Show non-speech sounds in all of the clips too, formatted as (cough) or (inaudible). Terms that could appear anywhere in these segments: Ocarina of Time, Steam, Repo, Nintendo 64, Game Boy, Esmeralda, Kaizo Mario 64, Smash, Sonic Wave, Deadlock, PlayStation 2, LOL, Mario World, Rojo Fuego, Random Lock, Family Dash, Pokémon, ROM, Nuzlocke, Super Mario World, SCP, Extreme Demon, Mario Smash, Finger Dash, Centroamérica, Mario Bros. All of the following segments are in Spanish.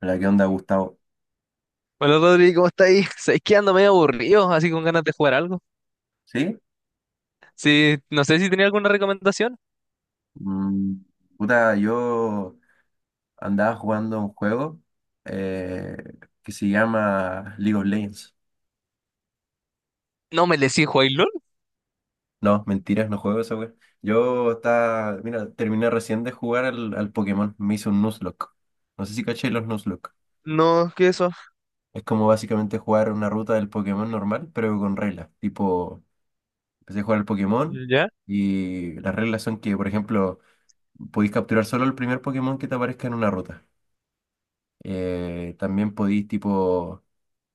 Hola, ¿qué onda, Gustavo? Hola Rodri, ¿cómo está ahí? Sabes que ando medio aburrido, así con ganas de jugar algo. ¿Sí? Sí, no sé si tenía alguna recomendación. Mm, Puta, yo andaba jugando un juego eh, que se llama League of Legends. No me decís jugáis LOL. No, mentiras, no juego esa wea. Yo estaba, mira, terminé recién de jugar al Pokémon, me hizo un Nuzlocke. No sé si caché los Nuzlocke. No, ¿qué es eso? Es como básicamente jugar una ruta del Pokémon normal, pero con reglas. Tipo, empecé a jugar al Pokémon Ya. y las reglas son que, por ejemplo, podéis capturar solo el primer Pokémon que te aparezca en una ruta. También podís tipo,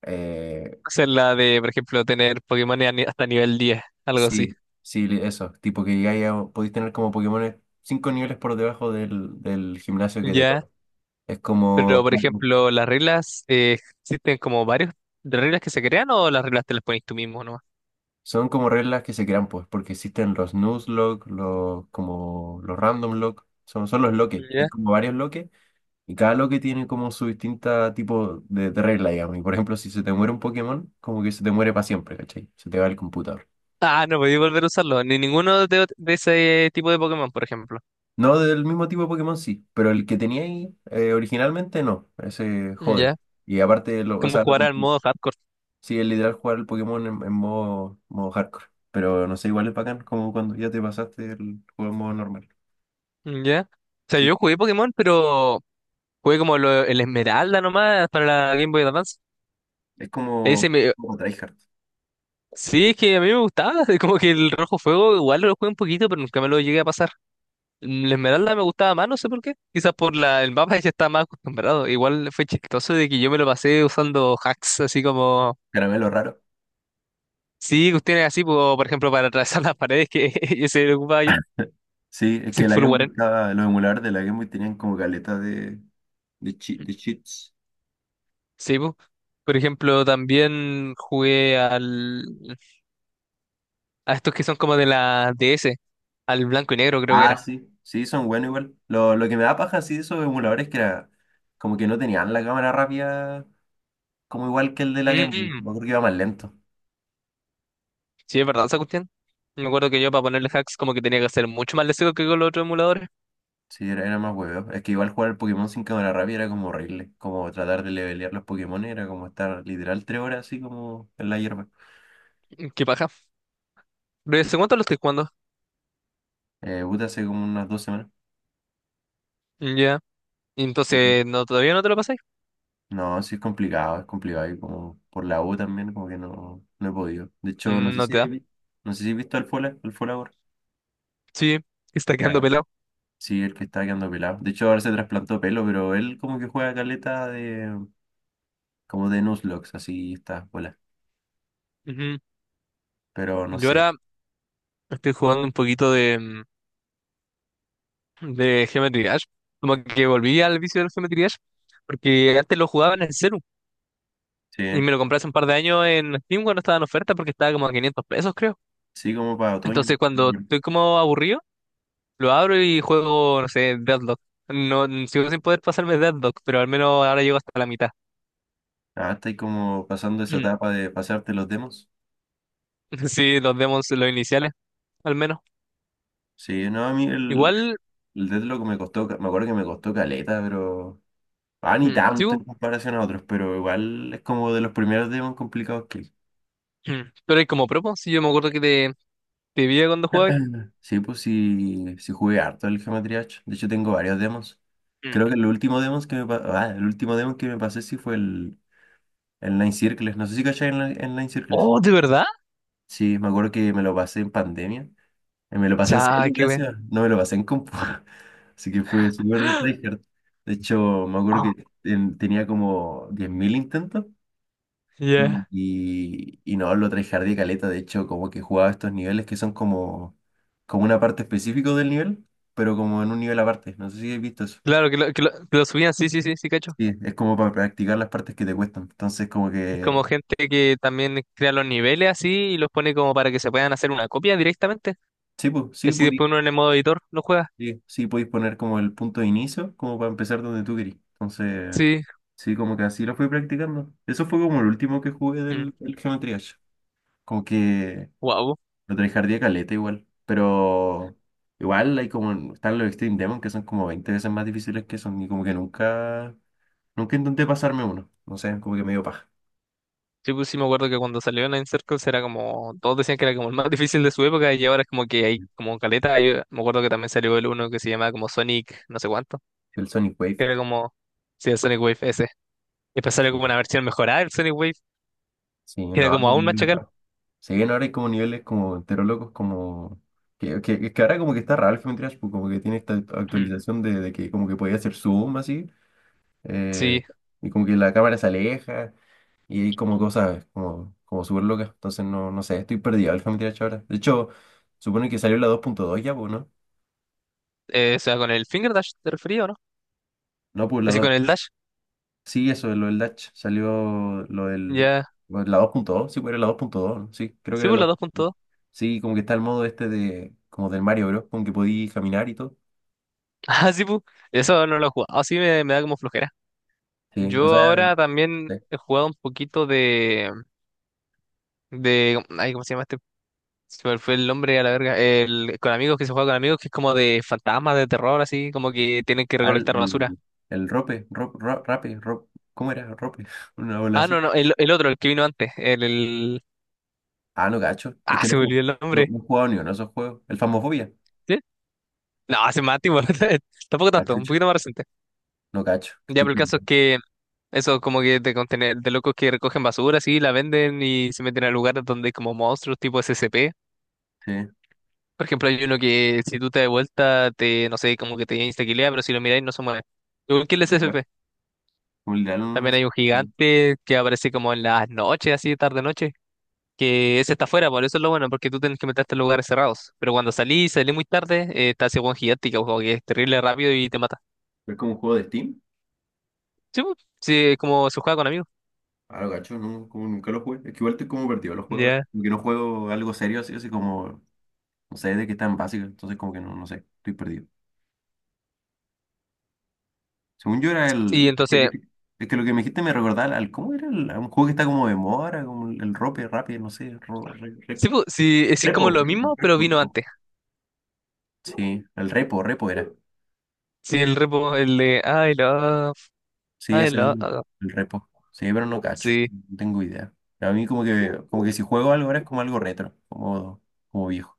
eh, Hacer la de, por ejemplo, tener Pokémon a hasta nivel 10, algo así. sí, sí, eso, tipo que llegáis a- podís tener como Pokémones 5 niveles por debajo del gimnasio que te Ya. toca. Es Pero, como, por ejemplo, las reglas, existen como varios de reglas que se crean o las reglas te las pones tú mismo nomás. son como reglas que se crean pues, porque existen los Nuzlocke, los, como los Random Lock, son los loques, hay Ya. como varios loques y cada loque tiene como su distinta tipo de regla, digamos. Y por ejemplo, si se te muere un Pokémon, como que se te muere para siempre, ¿cachai? Se te va el computador. Ah, no podía volver a usarlo, ni ninguno de, de ese tipo de Pokémon, por ejemplo. No del mismo tipo de Pokémon sí, pero el que tenía ahí originalmente no, ese jode. Ya. Y aparte, o Como sea, jugar al modo hardcore. sí, es literal jugar el Pokémon en modo hardcore, pero no sé, igual es bacán como cuando ya te pasaste el juego en modo normal. Ya. O sea, Sí, yo jugué Pokémon, pero jugué como el Esmeralda nomás para la Game Boy Advance. es Ese como, me- como tryhard, Sí, es que a mí me gustaba. (laughs) Como que el Rojo Fuego igual lo jugué un poquito, pero nunca me lo llegué a pasar. El Esmeralda me gustaba más, no sé por qué. Quizás por la el mapa ya estaba más acostumbrado. Igual fue chistoso de que yo me lo pasé usando hacks, así como. caramelo raro. Sí, cuestiones así, po, por ejemplo, para atravesar (laughs) las paredes que (laughs) ese lo ocupaba yo. (laughs) Sí, es Sí, que la fue un Game Boy guarén. estaba, los emuladores de la Game Boy tenían como galeta de cheats. Sí, po. Por ejemplo, también jugué al a estos que son como de la DS, al blanco y negro creo que Ah, era. sí, sí, son buenos igual. Lo que me da paja, sí, de esos emuladores que era como que no tenían la cámara rápida como igual que el de la Game Boy. Mm, Me acuerdo que iba más lento. sí, es verdad esa cuestión. Me acuerdo que yo para ponerle hacks como que tenía que hacer mucho más lesivo que con los otros emuladores. Sí, era más huevo. Es que igual jugar el Pokémon sin cámara rápida era como horrible. Como tratar de levelear los Pokémon era como estar literal 3 horas así como en la hierba. Mm, qué paja. Pero ¿hace cuánto lo estoy jugando? Puta, hace como unas 2 semanas. Mm, ya. Y Sí. entonces, no, todavía no te lo pasé. No, sí es complicado, es complicado. Y como por la U también, como que no he podido. De hecho, no Mm, sé no te si, da. vi- no sé si has visto al Fola ahora. Sí, está Ya, quedando ya. pelado. Sí, el que está quedando pelado. De hecho, ahora se trasplantó pelo, pero él como que juega caleta de, como de Nuzlocke, así está, Fola. Ujú. Pero no Yo sé. ahora estoy jugando un poquito de, de Geometry Dash. Como que volví al vicio del Geometry Dash. Porque antes lo jugaba en el celu. Sí. Y me lo compré hace un par de años en Steam cuando estaba en oferta porque estaba como a 500 pesos, creo. Sí, como para otoño. Entonces, cuando estoy como aburrido, lo abro y juego, no sé, Deadlock. No, sigo sin poder pasarme Deadlock, pero al menos ahora llego hasta la mitad. Ah, estáis como pasando esa Mm. etapa de pasarte los demos. (laughs) Sí, los demos, los iniciales, al menos. Sí, no, a mí el, Igual, el Deathlock me costó, me acuerdo que me costó caleta, pero. Ah, ni tanto en sigo. comparación a otros, pero igual es como de los primeros demos complicados que hay. Mm. Pero hay como propo, si yo me acuerdo que te vi cuando jugabas. (clears throat) Sí, pues sí jugué harto el Geometry Dash. De hecho, tengo varios demos. Mm. Creo que el último demo que me pasé sí fue el Nine Circles. No sé si cachai en Nine Circles. Oh, ¿de verdad? Sí, me acuerdo que me lo pasé en pandemia. Me lo pasé en Cha, celu, qué wea. gracias. No me lo pasé en compu. (laughs) Así que fue súper tryhard. De hecho, me acuerdo Oh, que tenía como 10.000 intentos. yeah. Y no, lo tryhardé caleta. De hecho, como que jugaba estos niveles que son como una parte específica del nivel, pero como en un nivel aparte. No sé si habéis visto eso. Claro, que lo subían, sí, sí, sí, sí, cacho. Sí, es como para practicar las partes que te cuestan. Entonces, como Es que. como gente que también crea los niveles así y los pone como para que se puedan hacer una copia directamente. Sí, pues, Y sí, así podí, después uno en el modo editor lo juega. sí, sí, podéis poner como el punto de inicio, como para empezar donde tú querís. Entonces. Sí. Sí, como que así lo fui practicando. Eso fue como el último que jugué del Geometry Dash. Como que Wow. lo tryhardé caleta igual. Pero igual hay como están los Extreme Demon que son como 20 veces más difíciles que son. Y como que nunca intenté pasarme uno. No sé, como que me dio paja. Sí, pues sí me acuerdo que cuando salió Nine Circles era como, todos decían que era como el más (laughs) difícil de su época y ahora es como que hay como caleta. Yo me acuerdo que también salió el uno que se llamaba como Sonic, no sé cuánto, El Sonic Wave. que era como, sí, el Sonic Wave ese. Y después salió Sí, como una versión mejorada del Sonic Wave, sí, que no, era ahora como hay aún más niveles chacal. raros. Sí, no, ahora hay como niveles como entero locos, como. Que ahora como que está raro el Geometry Dash, pues como que tiene esta (clears throat) actualización de que como que podía hacer zoom así. eh, Sí, y como que la cámara se aleja y hay como cosas como súper locas. Entonces no, no sé, estoy perdido el Family Dash ahora. De hecho, supone que salió la 2.2 ya, pues, ¿no? O sea, con el Finger Dash te refería, ¿o no? No, pues la Así dos. con el Dash, Sí, eso, lo del Dash. Salió lo del. ya. Bueno, la 2.2, sí, pues era la 2.2, ¿no? Sí, creo que Sí, era pues la la 2.2. 2.2. (laughs) Sí, como que está el modo este de. Como del Mario Bros. Con que podí caminar y todo. Ah, sí, pues, eso no lo he jugado, sí me da como flojera. Sí, o Yo sea, ahora también sí. he jugado un poquito de ay, ¿cómo se llama este? Se me fue el nombre a la verga. Con amigos que se juega con amigos, que es como de fantasmas, de terror, así, como que tienen que Al, recolectar basura. El rope, rop, ro- rape, rop, ¿Cómo era? Rope, (laughs) una bola Ah, así. no, no, el otro, el que vino antes. Ah, no cacho. Es Ah, que no, se he me jug- olvidó el no, nombre. no he jugado ni uno de esos juegos. El Phasmophobia. ¿Sí? No, hace más tiempo. (laughs) Tampoco Ah, tanto, un chucha. poquito más reciente. No cacho, que Ya, estoy pero el caso es perdiendo. que eso como que de contener, de locos que recogen basura, así, la venden y se meten a lugares donde hay como monstruos tipo SCP. Sí. Por ejemplo, hay uno que si tú te das vuelta, te, no sé, como que te insta, pero si lo miráis no se mueve. Igual que el Bueno, SCP. como el de Alan También es, hay un gigante que aparece como en las noches, así tarde noche, que ese está afuera, por eso es lo bueno, porque tú tienes que meterte en lugares cerrados. Pero cuando salís, salís muy tarde, está ese buen gigante que, como que es terrible rápido y te mata. es como un juego de Steam. Sí, pues, sí, es como se juega con amigos. Ah, no cacho. No, como nunca lo jugué. Es que igual estoy como perdido en los juegos ahora. Ya. Como que no juego algo serio así, así como. No sé de qué tan básico. Entonces, como que no sé. Estoy perdido. Según yo era Y el. Es que, es entonces, que- es que lo que me dijiste me recordaba al. ¿Cómo era? A un juego que está como de moda, ¿ahora? Como el Rope, Rappi, no sé. ro- re- re- sí, pues, sí, es como repo, lo repo, mismo, pero repo, vino repo. antes. Sí, el Repo, Repo era. Sí, el repo, el de I love, Sí, I ese mismo, love. el repo. Sí, pero no cacho, Sí. no tengo idea. A mí como que, si juego algo ahora es como algo retro, como viejo.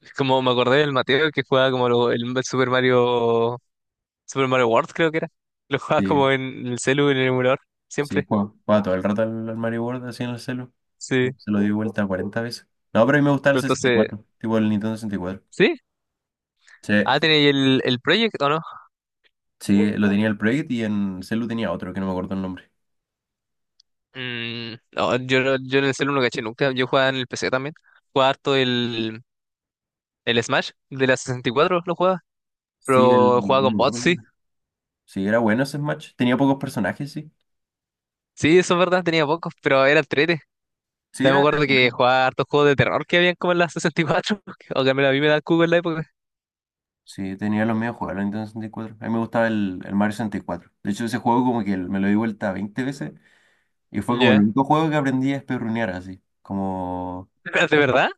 Es como me acordé del Mateo que jugaba como el Super Mario, Super Mario World creo que era. Lo jugaba Sí, como en el celu, en el emulador, sí, siempre. juego todo el rato al Mario World así en el celu. Sí. Se lo di vuelta 40 veces. No, pero a mí me gustaba el Pero entonces, 64, tipo el Nintendo 64. ¿sí? Sí, Ah, ¿tenéis el Project o no? sí, lo tenía el Project y en celu tenía otro que no me acuerdo el nombre. Mm, no, yo, yo en el celular no caché nunca. Yo jugaba en el PC también. Jugaba harto el Smash de la 64 lo jugaba. Sí, Pero jugaba no me con acuerdo bots, el sí. nombre. Sí, era bueno ese Smash. Tenía pocos personajes, sí. Sí, eso es verdad, tenía pocos, pero era trete. Sí, También era, me era acuerdo que bueno. jugaba hartos juegos de terror que habían como en la 64. (laughs) O que a mí me da el cubo en la época. Sí, tenía los medios juegos, el Nintendo 64. A mí me gustaba el Mario 64. De hecho, ese juego como que me lo di vuelta 20 veces y fue como el Ya. único juego que aprendí a esperrunear así. Como, (laughs) Pero, ¿de verdad?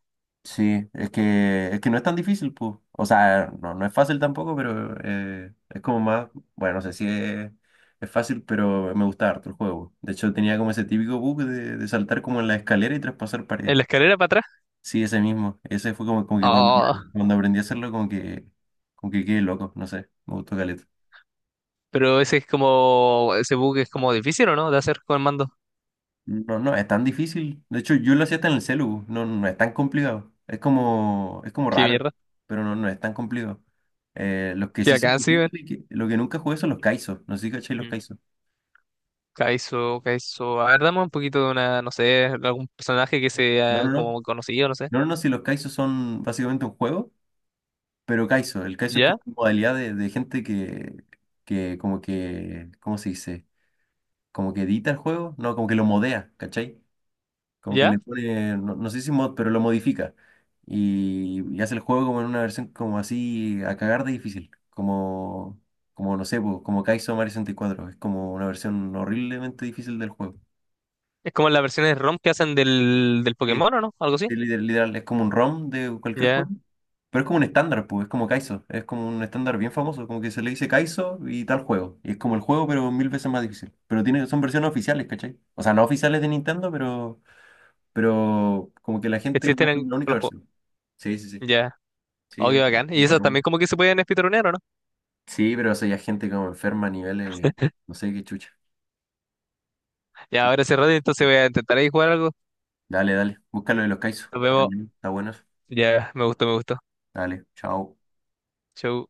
sí, es que no es tan difícil, pues. O sea, no es fácil tampoco, pero es como más, bueno, no sé si es fácil, pero me gustaba harto el juego. De hecho, tenía como ese típico bug de saltar como en la escalera y traspasar paredes. ¿En la escalera para atrás? Sí, ese mismo. Ese fue como, como que cuando, Oh, cuando aprendí a hacerlo, como que quedé loco, no sé, me gustó caleta. pero ese es como. Ese bug es como difícil, ¿o no? De hacer con el mando. No, no es tan difícil. De hecho, yo lo hacía hasta en el celu. No, no es tan complicado. Es como Qué raro, mierda. pero no es tan complicado. Los que Qué sí son acá sí, difíciles, lo que nunca jugué son los kaisos. No sé si cachai los weón. kaisos. Kaizo, Kaizo. A ver, dame un poquito de una, no sé, algún personaje que No, sea no, no. como conocido, no sé. No, no, no, si los kaisos son básicamente un juego, pero kaiso. El kaiso es ¿Ya? como una modalidad de gente que como que, ¿cómo se dice? Como que edita el juego. No, como que lo modea, ¿cachai? Como que ¿Ya? le pone, no sé si mod, pero lo modifica. Y hace el juego como en una versión como así a cagar de difícil. Como no sé, po, como Kaizo Mario 64. Es como una versión horriblemente difícil del juego. Es como las versiones ROM que hacen del Sí, Pokémon, ¿o no? Algo así. sí, literal, es como un ROM de cualquier juego. Ya. Pero es como un estándar, pues, es como Kaizo. Es como un estándar bien famoso. Como que se le dice Kaizo y tal juego. Y es como el juego, pero mil veces más difícil. Pero son versiones oficiales, ¿cachai? O sea, no oficiales de Nintendo, pero como que la gente Existen conoce en la única los juegos. versión. Sí, sí, sí. Ya. Sí, Oh, qué entre- bacán. Y eso entre uno. también como que se pueden speedronear, ¿o no? Sí, pero eso ya es gente como enferma a niveles, no sé qué chucha. Ya, ahora cerrado, entonces voy a intentar ahí jugar algo. Dale, dale, búscalo de los Kaizo. Nos Está vemos. bien, está bueno eso. Ya, me gustó, me gustó. Dale, chao. Chau.